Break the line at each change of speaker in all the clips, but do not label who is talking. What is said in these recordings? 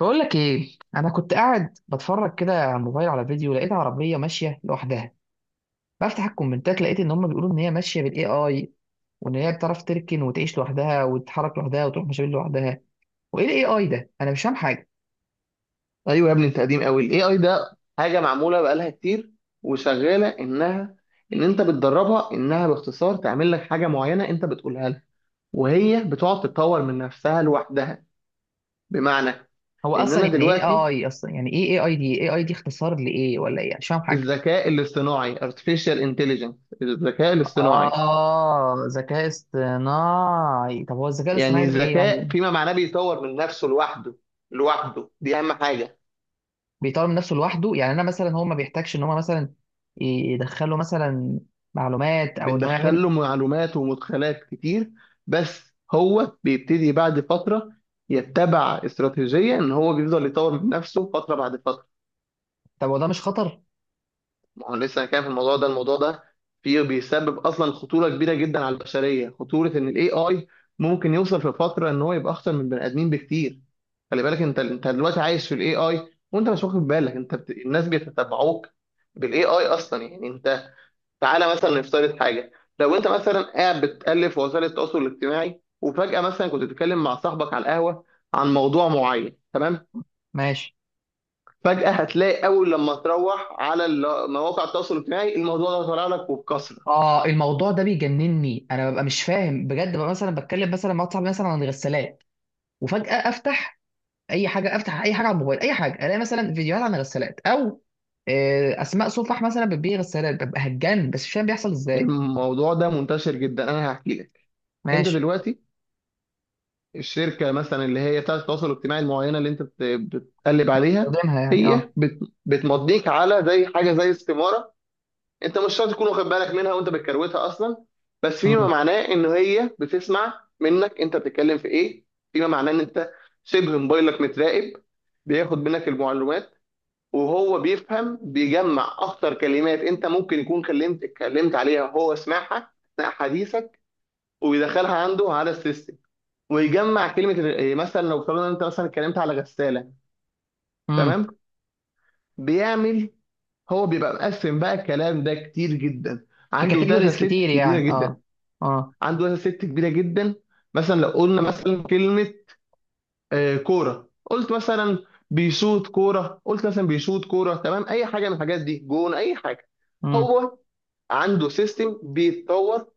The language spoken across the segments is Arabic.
بقول لك ايه. انا كنت قاعد بتفرج كده على الموبايل على فيديو، لقيت عربيه ماشيه لوحدها. بفتح الكومنتات، لقيت ان هم بيقولوا ان هي ماشيه بالاي اي، وان هي بتعرف تركن وتعيش لوحدها وتتحرك لوحدها وتروح مشاوير لوحدها. وايه الاي اي ده؟ انا مش فاهم حاجه.
ايوه يا ابني، انت قديم قوي. الاي اي ده حاجه معموله بقالها كتير وشغاله ان انت بتدربها انها باختصار تعمل لك حاجه معينه انت بتقولها لها، وهي بتقعد تتطور من نفسها لوحدها. بمعنى
هو
ان
اصلا
انا
يعني ايه
دلوقتي
اي؟ اصلا يعني ايه اي اي دي؟ اي اي دي اختصار لايه ولا ايه؟ مش فاهم حاجه.
الذكاء الاصطناعي artificial intelligence، الذكاء الاصطناعي.
اه، ذكاء اصطناعي. طب هو الذكاء
يعني
الاصطناعي ده ايه
الذكاء
يعني؟
فيما معناه بيطور من نفسه لوحده. لوحده دي اهم حاجه.
بيطور من نفسه لوحده يعني؟ انا مثلا هو ما بيحتاجش ان هو مثلا يدخله مثلا معلومات او انه
بندخل
يعمل؟
له معلومات ومدخلات كتير، بس هو بيبتدي بعد فترة يتبع استراتيجية إن هو بيفضل يطور من نفسه فترة بعد فترة.
طب وده مش خطر؟
ما هو لسه انا كان في الموضوع ده فيه، بيسبب أصلا خطورة كبيرة جدا على البشرية. خطورة إن ال AI ممكن يوصل في فترة إن هو يبقى أخطر من البني آدمين بكتير. خلي بالك أنت دلوقتي عايش في ال AI وأنت مش واخد بالك. الناس بيتتبعوك بال AI. أصلا يعني انت، تعالى مثلا نفترض حاجه. لو انت مثلا قاعد بتالف في وسائل التواصل الاجتماعي، وفجاه مثلا كنت بتتكلم مع صاحبك على القهوه عن موضوع معين، تمام؟
ماشي.
فجاه هتلاقي اول لما تروح على مواقع التواصل الاجتماعي، الموضوع ده طالع لك وبكثره.
اه، الموضوع ده بيجنني. انا ببقى مش فاهم بجد. ببقى مثلا بتكلم مثلا مع واحد صاحبي مثلا عن الغسالات، وفجأة افتح اي حاجه، افتح اي حاجه على الموبايل، اي حاجه، الاقي مثلا فيديوهات عن الغسالات او اسماء صفح مثلا بتبيع غسالات. ببقى هتجنن بس مش فاهم بيحصل ازاي.
الموضوع ده منتشر جدا، انا هحكي لك. انت
ماشي.
دلوقتي الشركه مثلا اللي هي بتاعه التواصل الاجتماعي المعينه اللي انت بتقلب عليها،
بستخدمها يعني، اه.
هي بتمضيك على زي حاجه زي استماره. انت مش شرط تكون واخد بالك منها وانت بتكروتها اصلا، بس فيما
امم
معناه ان هي بتسمع منك انت بتتكلم في ايه. فيما معناه ان انت شبه موبايلك متراقب، بياخد منك المعلومات. وهو بيفهم، بيجمع اكتر كلمات انت ممكن يكون اتكلمت عليها وهو سمعها اثناء حديثك، ويدخلها عنده على السيستم، ويجمع كلمه إيه، مثلا لو افترضنا انت مثلا اتكلمت على غساله،
امم
تمام؟ بيعمل، هو بيبقى مقسم بقى الكلام ده كتير جدا.
في
عنده داتا
كاتيجوريز
سيت
كتير
كبيره
يعني، اه.
جدا،
اه.
عنده مثلا ست كبيره جدا. مثلا لو قلنا مثلا كلمه آه، كوره، قلت مثلا بيشوط كوره، قلت مثلا بيشوط كوره، تمام؟ اي حاجه من الحاجات دي، جون، اي حاجه.
امم
هو عنده سيستم بيتطور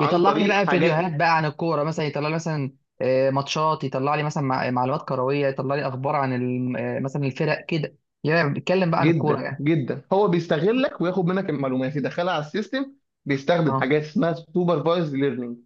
عن
لي
طريق
بقى فيديوهات
حاجات.
بقى عن الكوره مثلا، يطلع لي مثلا ماتشات، يطلع لي مثلا معلومات كرويه، يطلع لي اخبار عن مثلا الفرق كده يعني، بيتكلم بقى عن الكوره
جدا
يعني.
جدا هو بيستغلك وياخد منك المعلومات يدخلها على السيستم. بيستخدم
اه.
حاجات اسمها سوبرفايزد ليرنينج،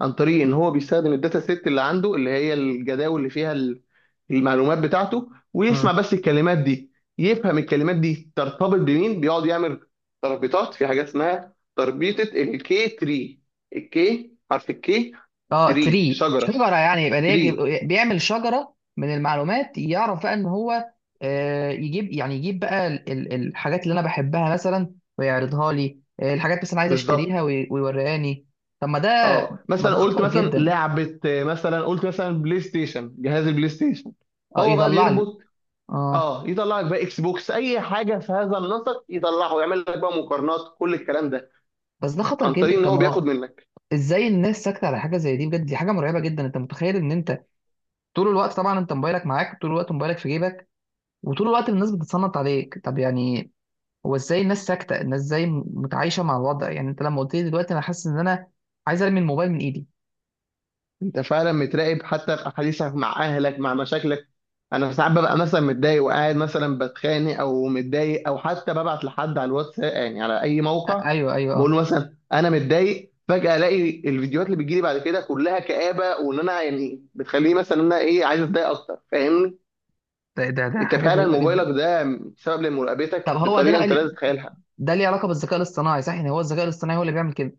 عن طريق ان هو بيستخدم الداتا سيت اللي عنده، اللي هي الجداول اللي فيها المعلومات بتاعته،
مم.
ويسمع بس الكلمات دي، يفهم الكلمات دي ترتبط بمين. بيقعد يعمل تربيطات في حاجات اسمها تربيطة الكي تري. الكي حرف الكي.
اه،
تري
تري
شجرة.
شجره يعني.
تري.
بيعمل شجره من المعلومات، يعرف بقى ان هو يجيب، يعني يجيب بقى الحاجات اللي انا بحبها مثلا ويعرضها لي، الحاجات مثلا عايز اشتريها
بالظبط.
ويوريهاني. طب ما ده،
اه
ما
مثلا
ده
قلت
خطر
مثلا
جدا.
لعبة آه، مثلا قلت مثلا بلاي ستيشن، جهاز البلاي ستيشن.
اه،
هو بقى
يطلع لي.
بيربط.
اه،
اه يطلع لك بقى اكس بوكس، اي حاجة في هذا النسق يطلعه، يعمل لك بقى مقارنات، كل الكلام ده
بس ده خطر
عن طريق
جدا.
ان
طب
هو
ما
بياخد
هو
منك.
ازاي الناس ساكته على حاجه زي دي؟ بجد دي حاجه مرعبه جدا. انت متخيل ان انت طول الوقت، طبعا انت موبايلك معاك طول الوقت، موبايلك في جيبك وطول الوقت الناس بتتصنت عليك؟ طب يعني هو ازاي الناس ساكته؟ الناس ازاي متعايشه مع الوضع؟ يعني انت لما قلت لي دلوقتي، انا حاسس ان انا عايز ارمي الموبايل من ايدي.
انت فعلا متراقب حتى في احاديثك مع اهلك، مع مشاكلك. انا ساعات ببقى مثلا متضايق وقاعد مثلا بتخانق او متضايق، او حتى ببعت لحد على الواتس يعني على اي موقع،
ايوه ايوه،
بقول
اه.
له مثلا انا متضايق. فجأة الاقي الفيديوهات اللي بتجيلي بعد كده كلها كآبة، وان انا يعني بتخليني مثلا ان انا ايه عايز اتضايق اكتر، فاهمني؟
ده
انت
حاجه
فعلا
غريبه
موبايلك
جدا.
ده سبب
طب
لمراقبتك
هو ده
بطريقة
بقى
انت لا
لي-
تتخيلها.
ده ليه علاقه بالذكاء الاصطناعي صح؟ يعني هو الذكاء الاصطناعي هو اللي بيعمل كده؟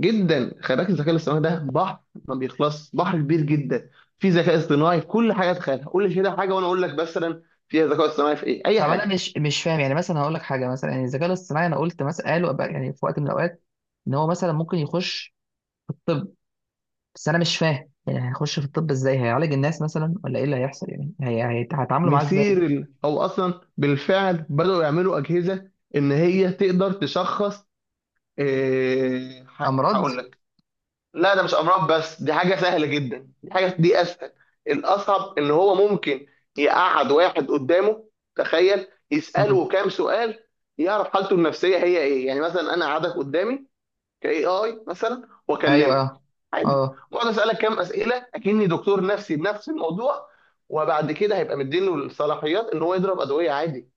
جدا، خلي بالك الذكاء الاصطناعي ده بحر، ما بيخلص، بحر كبير جدا. في ذكاء اصطناعي في كل حاجه تخيلها، قول لي كده حاجه وانا اقول لك مثلا فيها ذكاء اصطناعي في ايه، اي
طب انا
حاجه.
مش فاهم يعني. مثلا هقول لك حاجه، مثلا يعني الذكاء الاصطناعي، انا قلت مثلا قالوا بقى يعني في وقت من الاوقات ان هو مثلا ممكن يخش في الطب، بس انا مش فاهم يعني هيخش في الطب ازاي؟ هيعالج الناس مثلا ولا ايه اللي هيحصل؟ يعني هيتعاملوا معاه ازاي ده؟
مثير او اصلا بالفعل بداوا يعملوا اجهزه ان هي تقدر تشخص. إيه هقول
امراض.
لك. لا ده مش امراض بس، دي حاجه سهله جدا، دي حاجه دي اسهل. الاصعب ان هو ممكن يقعد واحد قدامه، تخيل، يساله
امم
كام سؤال، يعرف حالته النفسيه هي ايه. يعني مثلا انا قعدك قدامي كاي اي مثلا
ايوه،
واكلمك
اه.
عادي،
اه.
واقعد اسالك كام اسئله اكني دكتور نفسي بنفس الموضوع، وبعد كده هيبقى مديله الصلاحيات ان هو يضرب ادويه عادي.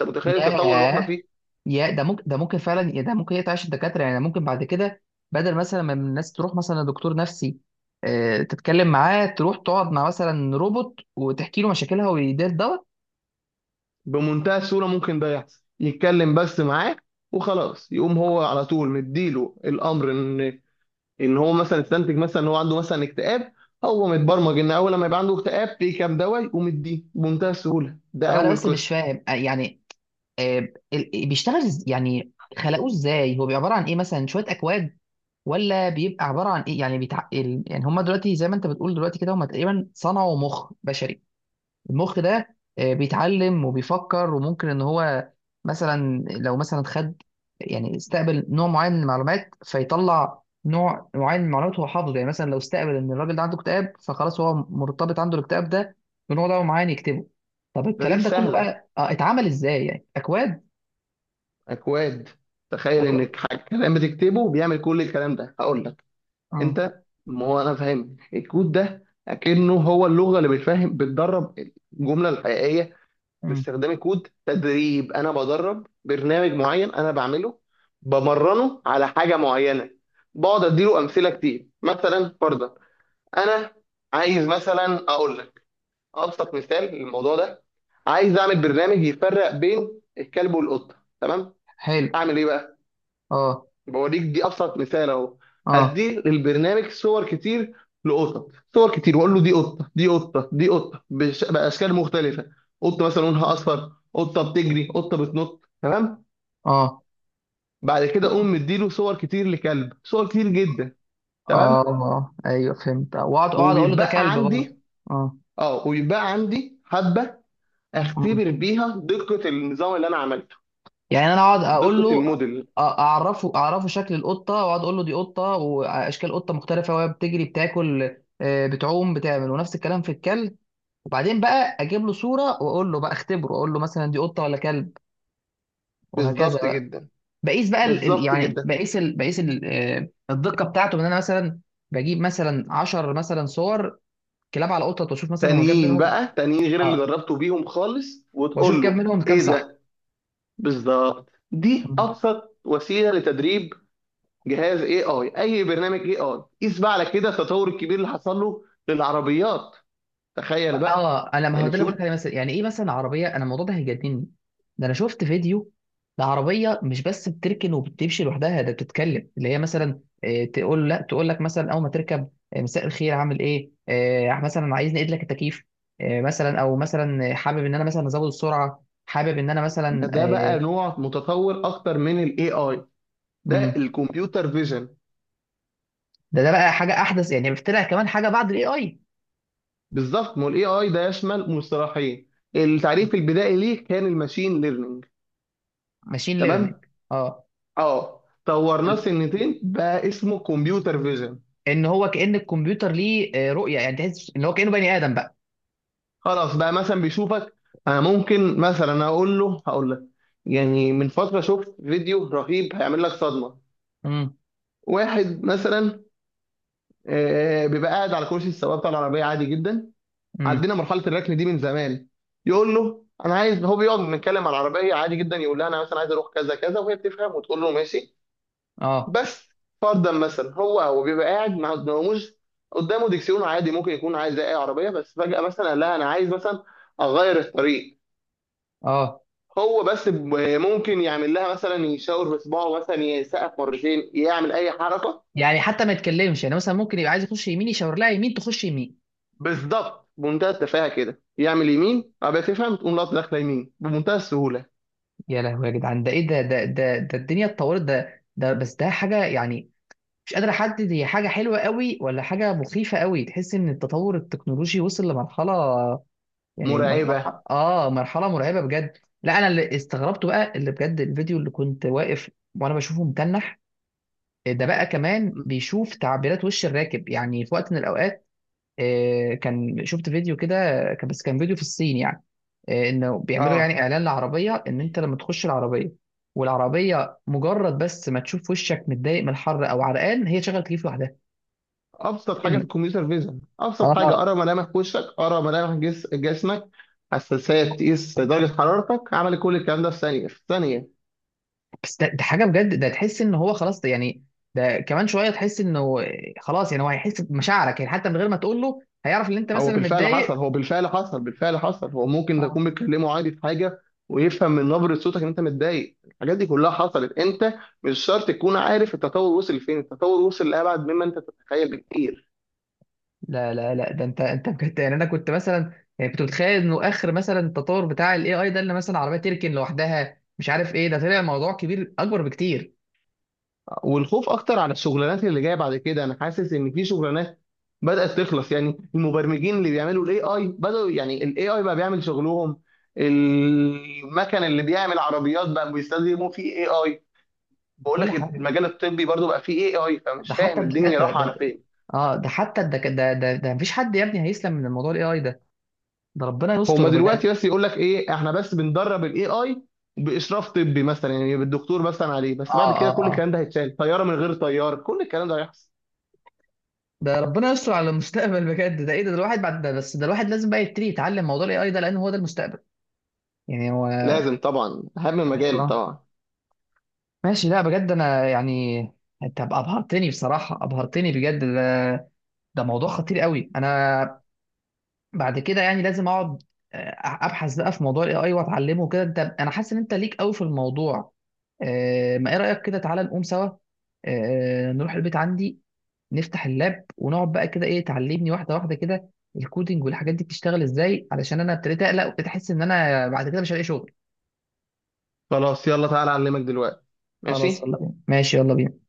انت متخيل التطور اللي احنا
ياه.
فيه؟
يا ده ممكن، ده ممكن فعلا. يا ده ممكن يقطع الدكاتره يعني. ممكن بعد كده بدل مثلا ما الناس تروح مثلا لدكتور نفسي تتكلم معاه، تروح تقعد مع مثلا روبوت وتحكي له مشاكلها ويدير دواء.
بمنتهى السهوله ممكن ده يحصل، يتكلم بس معاك وخلاص، يقوم هو على طول مديله الامر ان هو مثلا استنتج مثلا ان هو عنده مثلا اكتئاب. هو متبرمج ان اول لما يبقى عنده اكتئاب في كام دواء، يقوم يديه بمنتهى السهوله.
طب
ده
انا
اول
بس مش
قسم.
فاهم يعني بيشتغل يعني خلقوه ازاي؟ هو بيبقى عباره عن ايه؟ مثلا شويه اكواد ولا بيبقى عباره عن ايه؟ يعني يعني هم دلوقتي زي ما انت بتقول دلوقتي كده، هم تقريبا صنعوا مخ بشري. المخ ده بيتعلم وبيفكر وممكن ان هو مثلا لو مثلا خد، يعني استقبل نوع معين من المعلومات، فيطلع نوع معين من المعلومات. هو حافظه يعني. مثلا لو استقبل ان الراجل ده عنده اكتئاب، فخلاص هو مرتبط عنده الاكتئاب ده بنوع ده معين يكتبه. طب
ده دي
الكلام ده كله
سهله،
بقى، آه، اتعمل ازاي يعني؟ اكواد؟
اكواد. تخيل
اكواد.
انك كلام بتكتبه بيعمل كل الكلام ده، هقول لك.
امم
انت ما هو انا فاهم الكود ده اكنه هو اللغه اللي بتفهم، بتدرب الجمله الحقيقيه
امم
باستخدام الكود. تدريب، انا بدرب برنامج معين انا بعمله، بمرنه على حاجه معينه، بقعد اديله امثله كتير. مثلا فرضا انا عايز مثلا اقول لك ابسط مثال للموضوع ده، عايز اعمل برنامج يفرق بين الكلب والقطه، تمام؟
حلو.
اعمل ايه بقى؟
اه.
بوريك، دي ابسط مثال اهو.
اه.
هدي للبرنامج صور كتير لقطط، صور كتير، واقول له دي قطه دي قطه دي قطه، باشكال مختلفه. قطه مثلا لونها اصفر، قطه بتجري، قطه بتنط، تمام؟
اه.
بعد كده اقوم مديله صور كتير لكلب، صور كتير جدا،
اه.
تمام؟
ايوه فهمت. واقعد اقعد اقول له ده
وبيتبقى
كلب برضه.
عندي،
اه.
اه وبيتبقى عندي حبه،
مم.
اختبر بيها دقه النظام اللي انا عملته،
يعني انا اقعد اقول
دقه
له،
الموديل.
اعرفه، اعرفه شكل القطه، واقعد اقول له دي قطه، واشكال قطه مختلفه وهي بتجري، بتاكل، بتعوم، بتعمل، ونفس الكلام في الكلب. وبعدين بقى اجيب له صوره واقول له بقى اختبره، اقول له مثلا دي قطه ولا كلب، وهكذا
بالظبط
بقى.
جدا.
بقيس بقى
بالظبط
يعني
جدا.
بقيس بقيس الدقه بتاعته. ان انا مثلا بجيب مثلا 10 مثلا صور كلاب على قطط، واشوف مثلا هو جاب
تانيين
منهم،
بقى، تانيين غير اللي
اه،
دربته بيهم خالص،
واشوف
وتقول
جاب
له
منهم كام
ايه
صح.
ده. بالظبط، دي
مم.
ابسط وسيله لتدريب جهاز اي اي، اي برنامج اي اي. قيس بقى على كده التطور الكبير اللي حصل له للعربيات، تخيل بقى.
اه، انا ما هو
يعني
ده اللي
شوف،
بقولك عليه. مثلا يعني ايه مثلا عربيه؟ انا الموضوع ده هيجنني. ده انا شفت فيديو لعربيه مش بس بتركن وبتمشي لوحدها، ده بتتكلم. اللي هي مثلا تقول، لا تقول لك مثلا اول ما تركب مساء الخير، عامل ايه؟ مثلا عايز نقيد لك التكييف، مثلا، او مثلا حابب ان انا مثلا ازود السرعه، حابب ان انا مثلا،
ده بقى نوع متطور اكتر من الاي اي، ده
مم.
الكمبيوتر فيجن.
ده بقى حاجه احدث يعني، طلع كمان حاجه بعد الاي اي.
بالظبط، ما الاي اي ده يشمل مصطلحين. التعريف البدائي ليه كان الماشين ليرنينج،
ماشين
تمام؟
ليرنينج. اه.
اه طورناه، سنتين بقى اسمه كمبيوتر فيجن.
ان هو كأن الكمبيوتر ليه رؤية يعني، تحس ان هو كأنه بني آدم بقى.
خلاص بقى مثلا بيشوفك. انا ممكن مثلا اقول له، هقول لك. يعني من فتره شفت فيديو رهيب هيعمل لك صدمه.
امم
واحد مثلا آه، بيبقى قاعد على كرسي السواق بتاع العربيه عادي جدا.
امم
عدينا مرحله الركن دي من زمان. يقول له انا عايز، هو بيقعد بنتكلم على العربيه عادي جدا، يقول لها انا مثلا عايز اروح كذا كذا، وهي بتفهم وتقول له ماشي.
اه.
بس فرضا مثلا هو بيبقى قاعد، ما قداموش، قدامه دكسيون عادي، ممكن يكون عايز زي اي عربيه، بس فجاه مثلا قال لها انا عايز مثلا اغير الطريق.
اه.
هو بس ممكن يعمل لها مثلا يشاور بصباعه، مثلا يسقف مرتين، يعمل اي حركه.
يعني حتى ما يتكلمش يعني، مثلا ممكن يبقى عايز يخش يمين، يشاور لها يمين، تخش يمين.
بالظبط، بمنتهى التفاهه كده، يعمل يمين ابقى تفهم، تقوم لقطه داخله يمين بمنتهى السهوله.
يا لهوي يا جدعان، ده ايه ده الدنيا اتطورت. ده بس ده حاجة يعني مش قادر احدد هي حاجة حلوة قوي ولا حاجة مخيفة قوي. تحس ان التطور التكنولوجي وصل لمرحلة يعني
مرعبه،
مرحلة، اه، مرحلة مرعبة بجد. لا، انا اللي استغربته بقى، اللي بجد الفيديو اللي كنت واقف وانا بشوفه متنح، ده بقى كمان بيشوف تعبيرات وش الراكب. يعني في وقت من الاوقات كان شفت فيديو كده، بس كان فيديو في الصين يعني، انه بيعملوا يعني
اه.
اعلان لعربيه ان انت لما تخش العربيه، والعربيه مجرد بس ما تشوف وشك متضايق من الحر او عرقان، هي شغل تكييف لوحدها.
ابسط حاجه في
إن-
الكمبيوتر فيجن، ابسط حاجه،
اه.
ارى ملامح وشك، ارى ملامح جسمك، حساسيه تقيس درجه حرارتك، عمل كل الكلام ده في ثانيه، في ثانيه.
بس ده حاجه بجد. ده تحس ان هو خلاص ده يعني، ده كمان شويه تحس انه خلاص يعني، هو هيحس بمشاعرك يعني، حتى من غير ما تقول له هيعرف ان انت
هو
مثلا
بالفعل حصل،
متضايق.
هو بالفعل حصل. هو ممكن تكون بتكلمه عادي في حاجه ويفهم من نبره صوتك ان انت متضايق. الحاجات دي كلها حصلت، انت مش شرط تكون عارف التطور وصل لفين. التطور وصل لابعد مما انت تتخيل بكتير.
لا ده انت، انت بجد يعني. انا كنت مثلا يعني كنت متخيل انه اخر مثلا التطور بتاع الاي اي ده اللي مثلا عربيه تركن لوحدها، مش عارف ايه، ده طلع موضوع كبير اكبر بكتير.
والخوف اكتر على الشغلانات اللي جايه بعد كده، انا حاسس ان في شغلانات بدات تخلص. يعني المبرمجين اللي بيعملوا الاي اي، بداوا، يعني الاي اي بقى بيعمل شغلهم. المكن اللي بيعمل عربيات بقى بيستخدموا فيه اي اي. بقول
كل
لك
حاجه.
المجال الطبي برضو بقى فيه اي اي،
ده
فمش
حتى
فاهم الدنيا
الدكاتره
رايحه على
ده،
فين.
اه، ده حتى ده مفيش حد يا ابني هيسلم من الموضوع الاي اي ده. ده ربنا
هما
يستر بجد.
دلوقتي بس يقول لك ايه، احنا بس بندرب الاي اي باشراف طبي مثلا، يعني بالدكتور مثلا عليه.
اه.
بس بعد
اه.
كده كل
اه.
الكلام ده هيتشال، طياره من غير طيار، كل الكلام ده هيحصل.
ده ربنا يستر على المستقبل بجد. ده ايه ده؟ الواحد بعد ده، بس ده الواحد لازم بقى يبتدي يتعلم موضوع الاي اي ده، لان هو ده المستقبل يعني. هو
لازم طبعا، اهم
ايوه.
مجال طبعا.
ماشي. لا بجد انا يعني، انت ابهرتني بصراحه، ابهرتني بجد. ده موضوع خطير قوي. انا بعد كده يعني لازم اقعد ابحث بقى في موضوع الاي اي واتعلمه كده. انت انا حاسس ان انت ليك قوي في الموضوع. ما ايه رايك كده تعالى نقوم سوا نروح البيت عندي، نفتح اللاب ونقعد بقى كده، ايه تعلمني واحده واحده كده الكودينج والحاجات دي بتشتغل ازاي، علشان انا ابتديت اقلق وابتديت احس ان انا بعد كده مش هلاقي شغل.
خلاص يلا تعالى اعلمك دلوقتي.
خلاص
ماشي.
يلا بينا. ماشي يلا بينا.